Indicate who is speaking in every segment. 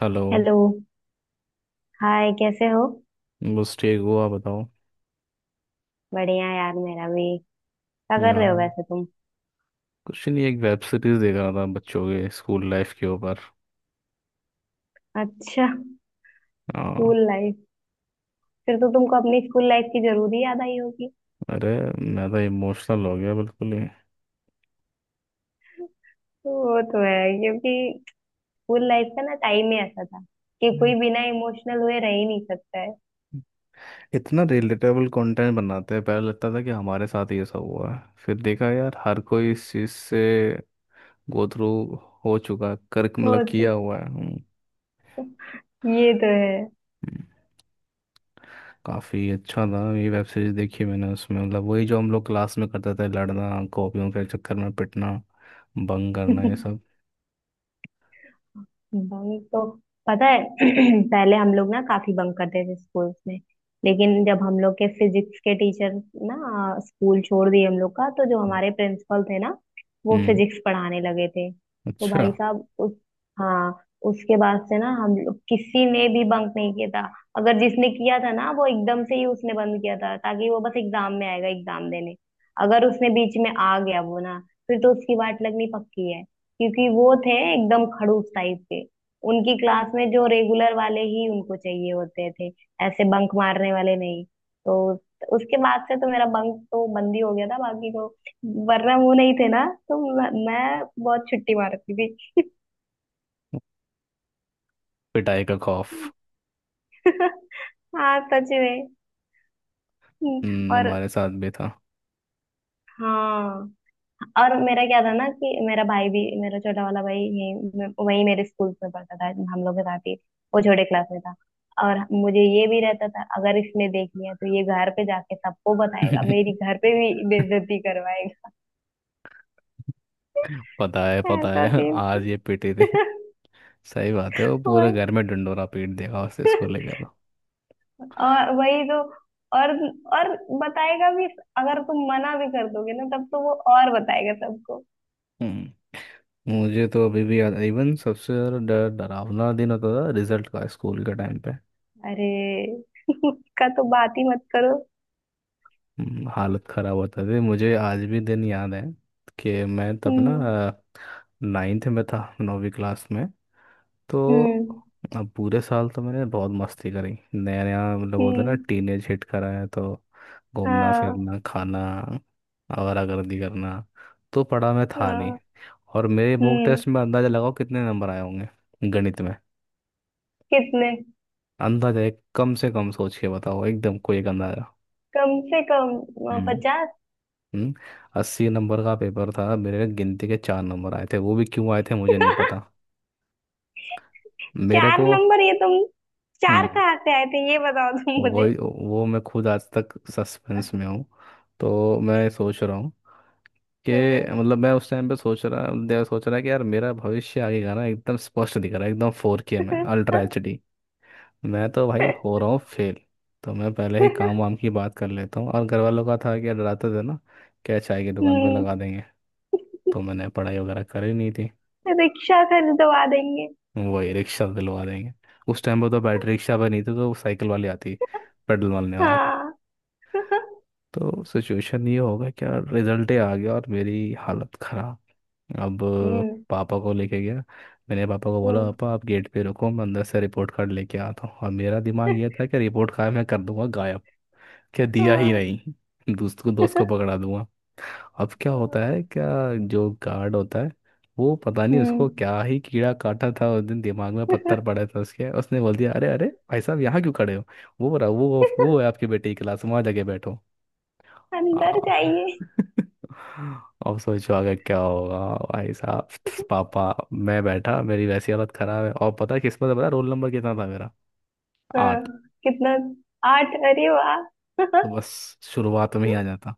Speaker 1: Hello.
Speaker 2: Hello. Hi, कैसे हो?
Speaker 1: बस ठीक हो। आप बताओ।
Speaker 2: बढ़िया यार, मेरा भी। क्या कर
Speaker 1: यार
Speaker 2: रहे हो वैसे तुम?
Speaker 1: कुछ नहीं, एक वेब सीरीज देख रहा था बच्चों के स्कूल लाइफ के ऊपर।
Speaker 2: अच्छा।
Speaker 1: हाँ।
Speaker 2: School life. फिर तो तुमको अपनी स्कूल लाइफ की जरूर ही याद आई होगी।
Speaker 1: अरे, मैं तो इमोशनल हो गया बिल्कुल ही।
Speaker 2: वो तो है, क्योंकि स्कूल लाइफ का ना टाइम ही ऐसा था कि
Speaker 1: हम्म।
Speaker 2: कोई बिना इमोशनल हुए रह ही नहीं सकता है।
Speaker 1: इतना रिलेटेबल कंटेंट बनाते हैं। पहले लगता था कि हमारे साथ ये सब हुआ है, फिर देखा यार हर कोई इस चीज से गो थ्रू हो चुका है, कर मतलब
Speaker 2: सोच।
Speaker 1: किया हुआ है।
Speaker 2: ये तो है।
Speaker 1: हम्म। काफी अच्छा था ये वेब सीरीज, देखी मैंने। उसमें मतलब वही जो हम लोग क्लास में करते थे, लड़ना, कॉपियों के चक्कर में पिटना, बंग करना, ये सब।
Speaker 2: बंक तो पता है। पहले हम लोग ना काफी बंक करते थे स्कूल्स में। लेकिन जब हम लोग के फिजिक्स के टीचर ना स्कूल छोड़ दिए हम लोग का, तो जो हमारे प्रिंसिपल थे ना, वो
Speaker 1: हम्म।
Speaker 2: फिजिक्स पढ़ाने लगे थे, तो
Speaker 1: अच्छा।
Speaker 2: भाई साहब उस। हाँ। उसके बाद से ना हम लोग किसी ने भी बंक नहीं किया था। अगर जिसने किया था ना, वो एकदम से ही उसने बंद किया था ताकि वो बस एग्जाम में आएगा एग्जाम देने। अगर उसने बीच में आ गया वो ना, फिर तो उसकी वाट लगनी पक्की है। क्योंकि वो थे एकदम खड़ूस टाइप के। उनकी क्लास में जो रेगुलर वाले ही उनको चाहिए होते थे, ऐसे बंक मारने वाले नहीं। तो उसके बाद से तो मेरा बंक तो बंद ही हो गया था, बाकी तो। वरना वो नहीं थे ना, तो मैं बहुत छुट्टी मारती थी।
Speaker 1: पिटाई का खौफ।
Speaker 2: हाँ सच में। और।
Speaker 1: हमारे साथ भी था।
Speaker 2: हाँ। और मेरा क्या था ना कि मेरा भाई भी, मेरा छोटा वाला भाई यही वही मेरे स्कूल में पढ़ता था, हम लोग के साथ ही। वो छोटे क्लास में था। और मुझे ये भी रहता था, अगर इसने देख लिया तो ये घर पे जाके सबको बताएगा, मेरी घर पे भी बेइज्जती करवाएगा।
Speaker 1: पता है, पता
Speaker 2: ऐसा
Speaker 1: है,
Speaker 2: सीन।
Speaker 1: आज ये पिटे थे। सही बात है, वो पूरे
Speaker 2: वही।
Speaker 1: घर में डंडोरा पीट देगा, उसे स्कूल लेकर तो।
Speaker 2: और वही तो। और और बताएगा भी। अगर तुम मना भी कर दोगे ना, तब तो वो और बताएगा सबको।
Speaker 1: हम्म। मुझे तो अभी भी याद, इवन सबसे ज़्यादा डर, डरावना दिन होता था रिजल्ट का स्कूल के टाइम पे।
Speaker 2: अरे। उसका तो बात ही मत करो।
Speaker 1: हालत ख़राब होता थी। मुझे आज भी दिन याद है कि मैं तब ना
Speaker 2: हम्म।
Speaker 1: 9th में था, 9वीं क्लास में तो।
Speaker 2: हम्म।
Speaker 1: अब पूरे साल तो मैंने बहुत मस्ती करी। नया नया, मतलब बोलते हैं ना,
Speaker 2: हम्म।
Speaker 1: टीनेज हिट करा है तो घूमना,
Speaker 2: हाँ।
Speaker 1: फिरना, खाना, आवारागर्दी करना। तो पढ़ा मैं था नहीं।
Speaker 2: हाँ।
Speaker 1: और मेरे मॉक
Speaker 2: हम्म।
Speaker 1: टेस्ट में अंदाजा लगाओ कितने नंबर आए होंगे गणित में।
Speaker 2: कितने?
Speaker 1: अंदाजा, एक कम से कम सोच के बताओ, एकदम, कोई एक अंदाजा।
Speaker 2: कम से कम।
Speaker 1: हम्म।
Speaker 2: पचास।
Speaker 1: हम्म। 80 नंबर का पेपर था, मेरे गिनती के 4 नंबर आए थे। वो भी क्यों आए थे मुझे नहीं पता। मेरे
Speaker 2: चार
Speaker 1: को।
Speaker 2: नंबर, ये तुम। चार
Speaker 1: हम्म।
Speaker 2: कहाँ से आए थे ये बताओ तुम मुझे।
Speaker 1: वही। वो मैं खुद आज तक सस्पेंस में हूँ। तो मैं सोच रहा हूँ कि,
Speaker 2: तो।
Speaker 1: मतलब मैं उस टाइम पे सोच रहा कि यार मेरा भविष्य आगे का ना एकदम स्पष्ट दिख रहा है, एकदम 4K में Ultra HD। मैं तो भाई हो रहा हूँ फेल। तो मैं पहले ही काम वाम की बात कर लेता हूँ। और घर वालों का था कि डराते थे ना, क्या चाय की दुकान पर
Speaker 2: हम्म।
Speaker 1: लगा देंगे। तो मैंने पढ़ाई वगैरह करी नहीं थी।
Speaker 2: रिक्शा खरीदवा देंगे।
Speaker 1: वही, रिक्शा दिलवा देंगे। उस टाइम पर तो बैटरी रिक्शा पर नहीं थी, तो वो साइकिल वाली आती, पेडल मारने वाली।
Speaker 2: हाँ।
Speaker 1: तो सिचुएशन ये होगा, क्या रिजल्ट ही आ गया और मेरी हालत खराब। अब
Speaker 2: हम्म।
Speaker 1: पापा को लेके गया। मैंने पापा को बोला,
Speaker 2: हम्म।
Speaker 1: पापा आप गेट पे रुको, मैं अंदर से रिपोर्ट कार्ड लेके आता हूँ। और मेरा दिमाग ये था कि रिपोर्ट कार्ड मैं कर दूंगा गायब। क्या दिया ही
Speaker 2: हाँ।
Speaker 1: नहीं, दोस्त को, दोस्त को पकड़ा दूंगा। अब क्या होता है क्या, जो गार्ड होता है, वो पता नहीं उसको
Speaker 2: हम्म।
Speaker 1: क्या ही कीड़ा काटा था उस दिन, दिमाग में पत्थर पड़े थे उसके, उसने बोल दिया अरे अरे, भाई साहब यहाँ क्यों खड़े हो, वो रहा वो है आपके बेटे की क्लास, वहाँ जाके बैठो।
Speaker 2: अंदर
Speaker 1: आ,
Speaker 2: जाइए।
Speaker 1: अब सोचो आगे क्या होगा। भाई साहब, पापा। मैं बैठा, मेरी वैसी हालत खराब है। और पता है किस्मत है, पता है, रोल नंबर कितना था मेरा?
Speaker 2: हाँ।
Speaker 1: 8।
Speaker 2: कितना? आठ? अरे वाह।
Speaker 1: तो बस शुरुआत में ही आ जाता।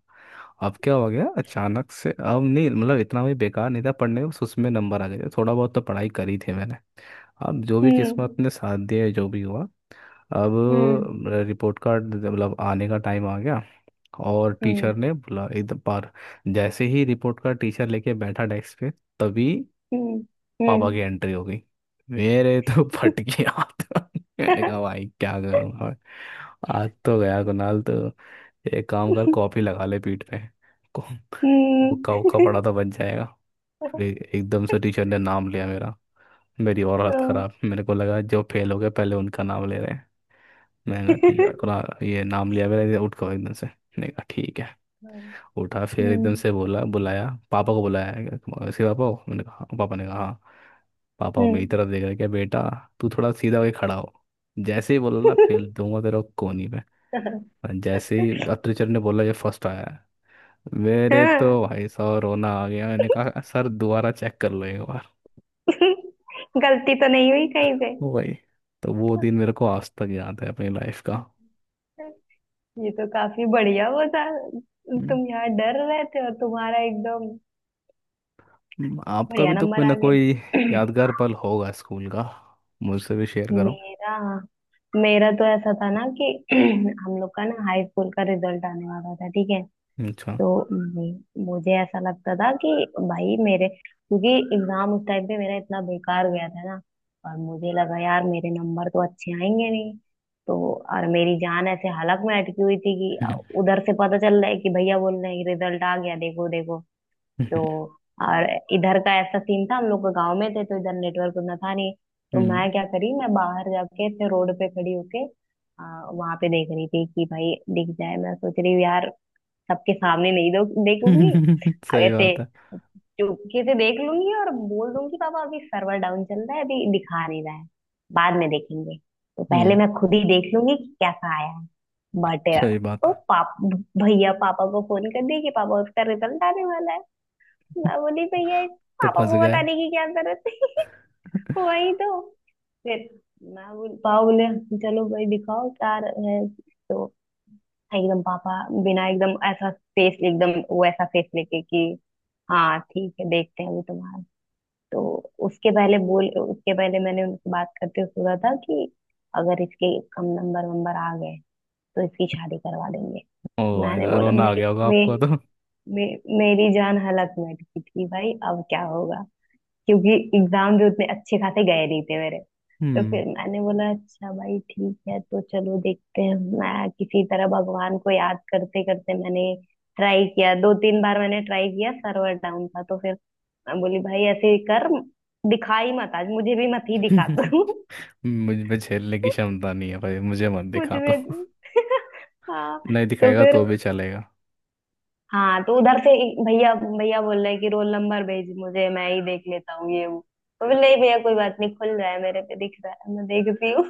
Speaker 1: अब क्या हो गया अचानक से, अब नहीं मतलब इतना भी बेकार नहीं था पढ़ने में, बस उसमें नंबर आ गए थे, थोड़ा बहुत तो पढ़ाई करी थी मैंने। अब जो भी
Speaker 2: हम्म।
Speaker 1: किस्मत ने साथ दिया, जो भी हुआ। अब
Speaker 2: हम्म। हम्म।
Speaker 1: रिपोर्ट कार्ड, मतलब आने का टाइम आ गया। और टीचर ने बोला एकदम पार। जैसे ही रिपोर्ट का टीचर लेके बैठा डेस्क पे, तभी
Speaker 2: हम्म।
Speaker 1: पापा
Speaker 2: हम्म।
Speaker 1: की एंट्री हो गई। मेरे तो फट गया हाथ। मैंने
Speaker 2: हम्म।
Speaker 1: कहा, भाई क्या करूँगा मैं? आज तो गया, कुणाल तो। एक काम कर, कॉपी लगा ले पीठ पे। को-
Speaker 2: हम्म।
Speaker 1: हुक्का हुक्का पड़ा तो बच जाएगा। फिर एकदम से टीचर ने नाम लिया मेरा। मेरी और हालत खराब, मेरे को लगा जो फेल हो गए पहले उनका नाम ले रहे हैं। मैंने कहा ठीक है, कुणाल ये नाम लिया मेरा, ये उठ गया एकदम से। मैंने कहा ठीक है। उठा, फिर एकदम से बोला, बुलाया, पापा को बुलाया है क्या? तुम- इसके पापा को? मैंने कहा हाँ। पापा ने कहा हाँ। पापा वो मेरी
Speaker 2: हम्म।
Speaker 1: तरफ देख रहे, क्या बेटा, तू थोड़ा सीधा होके खड़ा हो। जैसे ही बोला ना, फेल दूंगा तेरा कोहनी पे। और जैसे ही अब टीचर ने बोला ये फर्स्ट आया है, मेरे
Speaker 2: हाँ,
Speaker 1: तो भाई साहब रोना आ गया। मैंने कहा, सर दोबारा चेक कर लो एक बार।
Speaker 2: गलती तो नहीं हुई कहीं से।
Speaker 1: वो भाई। तो वो दिन मेरे को आज तक याद है अपनी लाइफ का।
Speaker 2: ये तो काफी बढ़िया वो था।
Speaker 1: हम्म।
Speaker 2: तुम यहाँ डर रहे थे और तुम्हारा एकदम
Speaker 1: हम्म। आपका
Speaker 2: बढ़िया
Speaker 1: भी तो कोई
Speaker 2: नंबर
Speaker 1: ना
Speaker 2: आ गए।
Speaker 1: कोई यादगार पल होगा स्कूल का, मुझसे भी शेयर करो।
Speaker 2: मेरा। मेरा तो ऐसा था ना कि हम लोग का ना हाई स्कूल का रिजल्ट आने वाला था, ठीक है?
Speaker 1: अच्छा।
Speaker 2: तो मुझे ऐसा लगता था कि भाई मेरे, क्योंकि एग्जाम उस टाइम पे मेरा इतना बेकार गया था ना, और मुझे लगा यार मेरे नंबर तो अच्छे आएंगे नहीं। तो। और मेरी जान ऐसे हालत में अटकी हुई थी कि
Speaker 1: हम्म।
Speaker 2: उधर से पता चल रहा है कि भैया बोल रहे हैं रिजल्ट आ गया, देखो देखो। तो। और इधर का ऐसा सीन था, हम लोग गांव में थे तो इधर नेटवर्क उतना था नहीं। तो
Speaker 1: हम्म।
Speaker 2: मैं क्या करी, मैं बाहर जाके ऐसे रोड पे खड़ी होके वहां पे देख रही थी कि भाई दिख जाए। मैं सोच रही हूँ यार, सबके सामने नहीं दो देखूंगी, आगे
Speaker 1: सही
Speaker 2: से
Speaker 1: बात है।
Speaker 2: चुपके से देख लूंगी और बोल दूंगी पापा अभी सर्वर डाउन चल रहा है, अभी दिखा नहीं रहा है, बाद में देखेंगे। तो पहले
Speaker 1: हम्म।
Speaker 2: मैं खुद ही देख लूंगी कि कैसा आया है। बट।
Speaker 1: सही बात
Speaker 2: तो
Speaker 1: है।
Speaker 2: पाप भैया पापा को फोन कर दिए कि पापा उसका रिजल्ट आने वाला है। मैं बोली भैया, इस
Speaker 1: तो
Speaker 2: पापा
Speaker 1: फंस
Speaker 2: को
Speaker 1: गए।
Speaker 2: बताने की क्या जरूरत है? वही तो। फिर मैं बोल पापा बोले चलो भाई दिखाओ क्या है। तो एकदम पापा, बिना एकदम ऐसा फेस, एकदम वैसा फेस लेके कि हाँ ठीक है देखते हैं अभी तुम्हारा। तो उसके पहले बोल, उसके पहले मैंने उनसे बात करते हुए बोला था कि अगर इसके कम नंबर वंबर आ गए तो इसकी शादी करवा देंगे।
Speaker 1: ओ भाई
Speaker 2: मैंने
Speaker 1: साहब,
Speaker 2: बोला
Speaker 1: रोना आ गया होगा आपको तो।
Speaker 2: मे, मेरी जान हलक में अटकी थी भाई, अब क्या होगा? क्योंकि एग्जाम भी उतने अच्छे खासे गए नहीं थे मेरे। तो
Speaker 1: हम्म।
Speaker 2: फिर मैंने बोला अच्छा भाई ठीक है तो चलो देखते हैं। मैं किसी तरह भगवान को याद करते करते, मैंने ट्राई किया, दो तीन बार मैंने ट्राई किया, सर्वर डाउन था। तो फिर मैं बोली भाई ऐसे ही कर, दिखा ही मत आज, मुझे भी मत ही दिखा तू।
Speaker 1: मुझ में झेलने की क्षमता नहीं है भाई, मुझे मत दिखा तो।
Speaker 2: मुझे भी। हाँ।
Speaker 1: नहीं
Speaker 2: तो
Speaker 1: दिखाएगा
Speaker 2: फिर।
Speaker 1: तो भी चलेगा।
Speaker 2: हाँ। तो उधर से ही भैया भैया बोल रहे हैं कि रोल नंबर भेज मुझे, मैं ही देख लेता हूँ, ये वो। तो बोले नहीं भैया कोई बात नहीं, खुल रहा है मेरे पे, दिख रहा है, मैं देखती हूँ।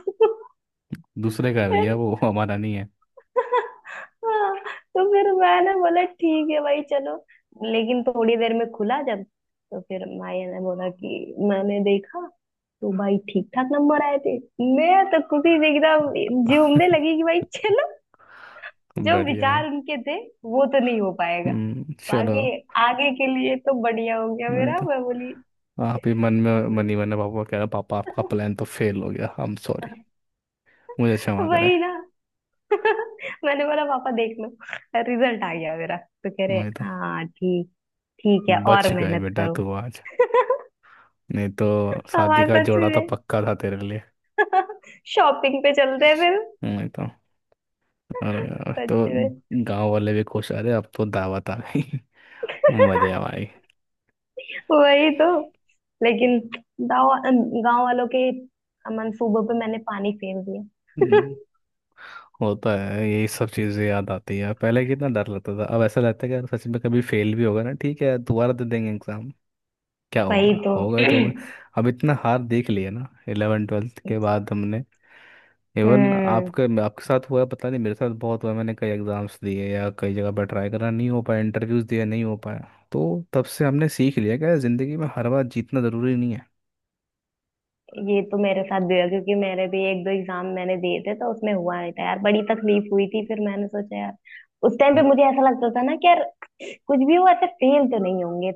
Speaker 1: दूसरे का भी
Speaker 2: फिर।
Speaker 1: है वो, हमारा नहीं है।
Speaker 2: हाँ। तो फिर मैंने बोला ठीक है भाई चलो। लेकिन थोड़ी देर में खुला जब, तो फिर माया ने बोला कि मैंने देखा, तो भाई ठीक ठाक नंबर आए थे। मैं तो खुशी से एकदम झूमने लगी कि भाई चलो, जो
Speaker 1: बढ़िया
Speaker 2: विचार
Speaker 1: है।
Speaker 2: उनके थे वो तो नहीं हो।
Speaker 1: हम्म, चलो।
Speaker 2: आगे। आगे के लिए तो बढ़िया हो गया
Speaker 1: नहीं
Speaker 2: मेरा,
Speaker 1: तो
Speaker 2: मैं बोली।
Speaker 1: आप ही मन ही मन में पापा को कह रहे, पापा आपका प्लान तो फेल हो गया, आई एम सॉरी, मुझे क्षमा करें।
Speaker 2: वही ना। मैंने बोला पापा देख लो, रिजल्ट आ गया मेरा। तो कह रहे
Speaker 1: नहीं तो
Speaker 2: हाँ ठीक, ठीक है
Speaker 1: बच
Speaker 2: और
Speaker 1: गए
Speaker 2: मेहनत
Speaker 1: बेटा
Speaker 2: करो।
Speaker 1: तू आज। नहीं तो शादी
Speaker 2: हमारे
Speaker 1: का
Speaker 2: सच
Speaker 1: जोड़ा तो
Speaker 2: में।
Speaker 1: पक्का था तेरे लिए।
Speaker 2: शॉपिंग पे चलते हैं फिर।
Speaker 1: नहीं तो, अरे यार तो
Speaker 2: सच में।
Speaker 1: गांव वाले भी खुश आ रहे, अब तो दावत आ गई। मजे आ भाई।
Speaker 2: वही तो। लेकिन गांव गांव वालों के मंसूबों पे मैंने पानी फेर दिया।
Speaker 1: हम्म, होता है। यही सब चीजें याद आती है। पहले कितना डर लगता था, अब ऐसा लगता है कि यार सच में कभी फेल भी होगा ना, ठीक है दोबारा दे देंगे एग्जाम, क्या
Speaker 2: वही
Speaker 1: होगा,
Speaker 2: तो।
Speaker 1: होगा ही तो होगा। अब इतना हार देख लिया ना 11th 12th के बाद हमने। इवन
Speaker 2: हम्म।
Speaker 1: आपके आपके साथ हुआ है, पता नहीं, मेरे साथ बहुत हुआ है, मैंने कई एग्जाम्स दिए या कई जगह पर ट्राई करा नहीं हो पाया, इंटरव्यूज दिए नहीं हो पाया। तो तब से हमने सीख लिया कि यार, जिंदगी में हर बार जीतना जरूरी नहीं है।
Speaker 2: ये तो मेरे साथ भी हुआ, क्योंकि मेरे भी एक दो एग्जाम मैंने दिए थे तो उसमें हुआ नहीं था यार, बड़ी तकलीफ हुई थी। फिर मैंने सोचा यार, उस टाइम पे मुझे ऐसा लगता था ना कि यार कुछ भी हो, ऐसे फेल तो नहीं होंगे।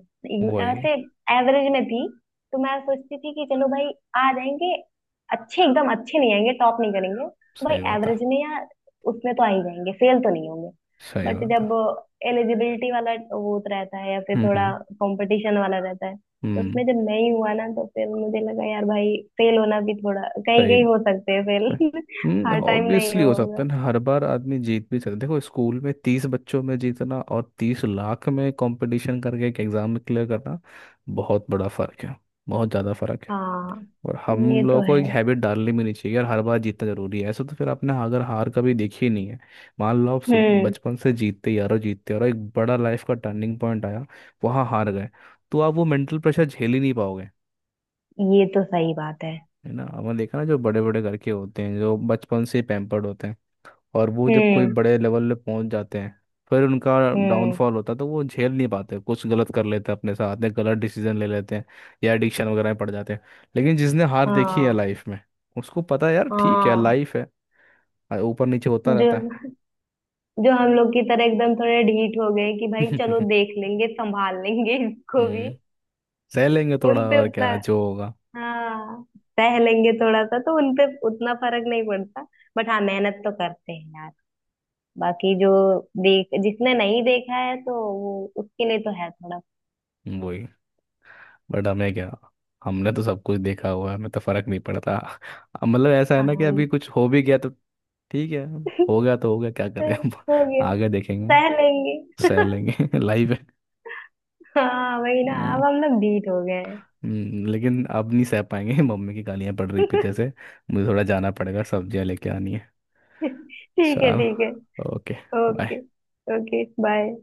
Speaker 1: वही।
Speaker 2: ऐसे एवरेज में थी, तो मैं सोचती थी कि चलो भाई आ जाएंगे, अच्छे एकदम अच्छे नहीं आएंगे, टॉप नहीं करेंगे तो भाई
Speaker 1: सही बात है।
Speaker 2: एवरेज में, या उसमें तो आ ही जाएंगे, फेल तो नहीं होंगे।
Speaker 1: सही
Speaker 2: बट
Speaker 1: बात
Speaker 2: जब
Speaker 1: है।
Speaker 2: एलिजिबिलिटी वाला वो रहता है, या फिर
Speaker 1: हम्म।
Speaker 2: थोड़ा
Speaker 1: हम्म।
Speaker 2: कंपटीशन वाला रहता है, तो
Speaker 1: हम्म।
Speaker 2: उसमें जब नहीं हुआ ना, तो फिर मुझे लगा यार भाई फेल होना भी, थोड़ा कहीं
Speaker 1: सही।
Speaker 2: कहीं हो सकते हैं
Speaker 1: सही।
Speaker 2: फेल।
Speaker 1: हम्म,
Speaker 2: हर टाइम नहीं
Speaker 1: ऑब्वियसली हो सकता है
Speaker 2: होगा।
Speaker 1: ना हर बार आदमी जीत भी सकता है। देखो, स्कूल में 30 बच्चों में जीतना और 30 लाख में कंपटीशन करके एक एग्जाम में क्लियर करना, बहुत बड़ा फर्क है। बहुत ज़्यादा फर्क है।
Speaker 2: हाँ।
Speaker 1: और
Speaker 2: ये
Speaker 1: हम लोगों
Speaker 2: तो
Speaker 1: को
Speaker 2: है।
Speaker 1: एक हैबिट डालनी भी नहीं चाहिए यार, हर बार जीतना जरूरी है ऐसा, तो फिर आपने अगर हार कभी देखी ही नहीं है। मान लो आप
Speaker 2: हम्म।
Speaker 1: बचपन से जीतते यारो, जीतते, और एक बड़ा लाइफ का टर्निंग पॉइंट आया, वहाँ हार गए, तो आप वो मेंटल प्रेशर झेल ही नहीं पाओगे।
Speaker 2: ये तो सही बात है।
Speaker 1: है ना, आपने देखा ना, जो बड़े बड़े घर के होते हैं, जो बचपन से पैम्पर्ड होते हैं, और वो जब कोई
Speaker 2: हम्म।
Speaker 1: बड़े लेवल पे पहुंच जाते हैं, फिर उनका
Speaker 2: हम्म।
Speaker 1: डाउनफॉल होता है, तो वो झेल नहीं पाते, कुछ गलत कर लेते हैं अपने साथ में, गलत डिसीजन ले लेते हैं, या एडिक्शन वगैरह में पड़ जाते हैं। लेकिन जिसने हार देखी है
Speaker 2: हाँ।
Speaker 1: लाइफ में, उसको पता है यार, ठीक है
Speaker 2: हाँ।
Speaker 1: लाइफ है, ऊपर नीचे होता
Speaker 2: जो,
Speaker 1: रहता है।
Speaker 2: जो हम लोग की तरह एकदम थोड़े ढीठ हो गए कि भाई चलो देख लेंगे, संभाल लेंगे इसको भी।
Speaker 1: हम्म, सह लेंगे थोड़ा
Speaker 2: उन पे
Speaker 1: और,
Speaker 2: उतना।
Speaker 1: क्या, जो होगा।
Speaker 2: हाँ, सह लेंगे थोड़ा सा, तो उन पे उतना फर्क नहीं पड़ता। बट हाँ मेहनत तो करते हैं बाकी। जो देख जिसने नहीं देखा है, तो वो उसके लिए तो है थोड़ा।
Speaker 1: वही। बट हमें क्या, हमने तो सब कुछ देखा हुआ है, हमें तो फर्क नहीं पड़ता अब। मतलब ऐसा है ना कि अभी
Speaker 2: काम।
Speaker 1: कुछ हो भी गया तो ठीक है, हो गया तो हो गया, क्या करें हम।
Speaker 2: हो गया।
Speaker 1: आगे
Speaker 2: सह
Speaker 1: देखेंगे।
Speaker 2: लेंगे।
Speaker 1: सह लेंगे। लाइफ है।
Speaker 2: हाँ वही ना,
Speaker 1: हम्म।
Speaker 2: अब हम लोग बीट हो गए हैं।
Speaker 1: लेकिन अब नहीं सह पाएंगे। मम्मी की गालियां पड़ रही पीछे से, मुझे थोड़ा जाना पड़ेगा, सब्जियां लेके आनी है।
Speaker 2: ठीक है
Speaker 1: चल,
Speaker 2: ठीक है।
Speaker 1: Okay.
Speaker 2: Okay.
Speaker 1: Bye.
Speaker 2: Okay. Bye.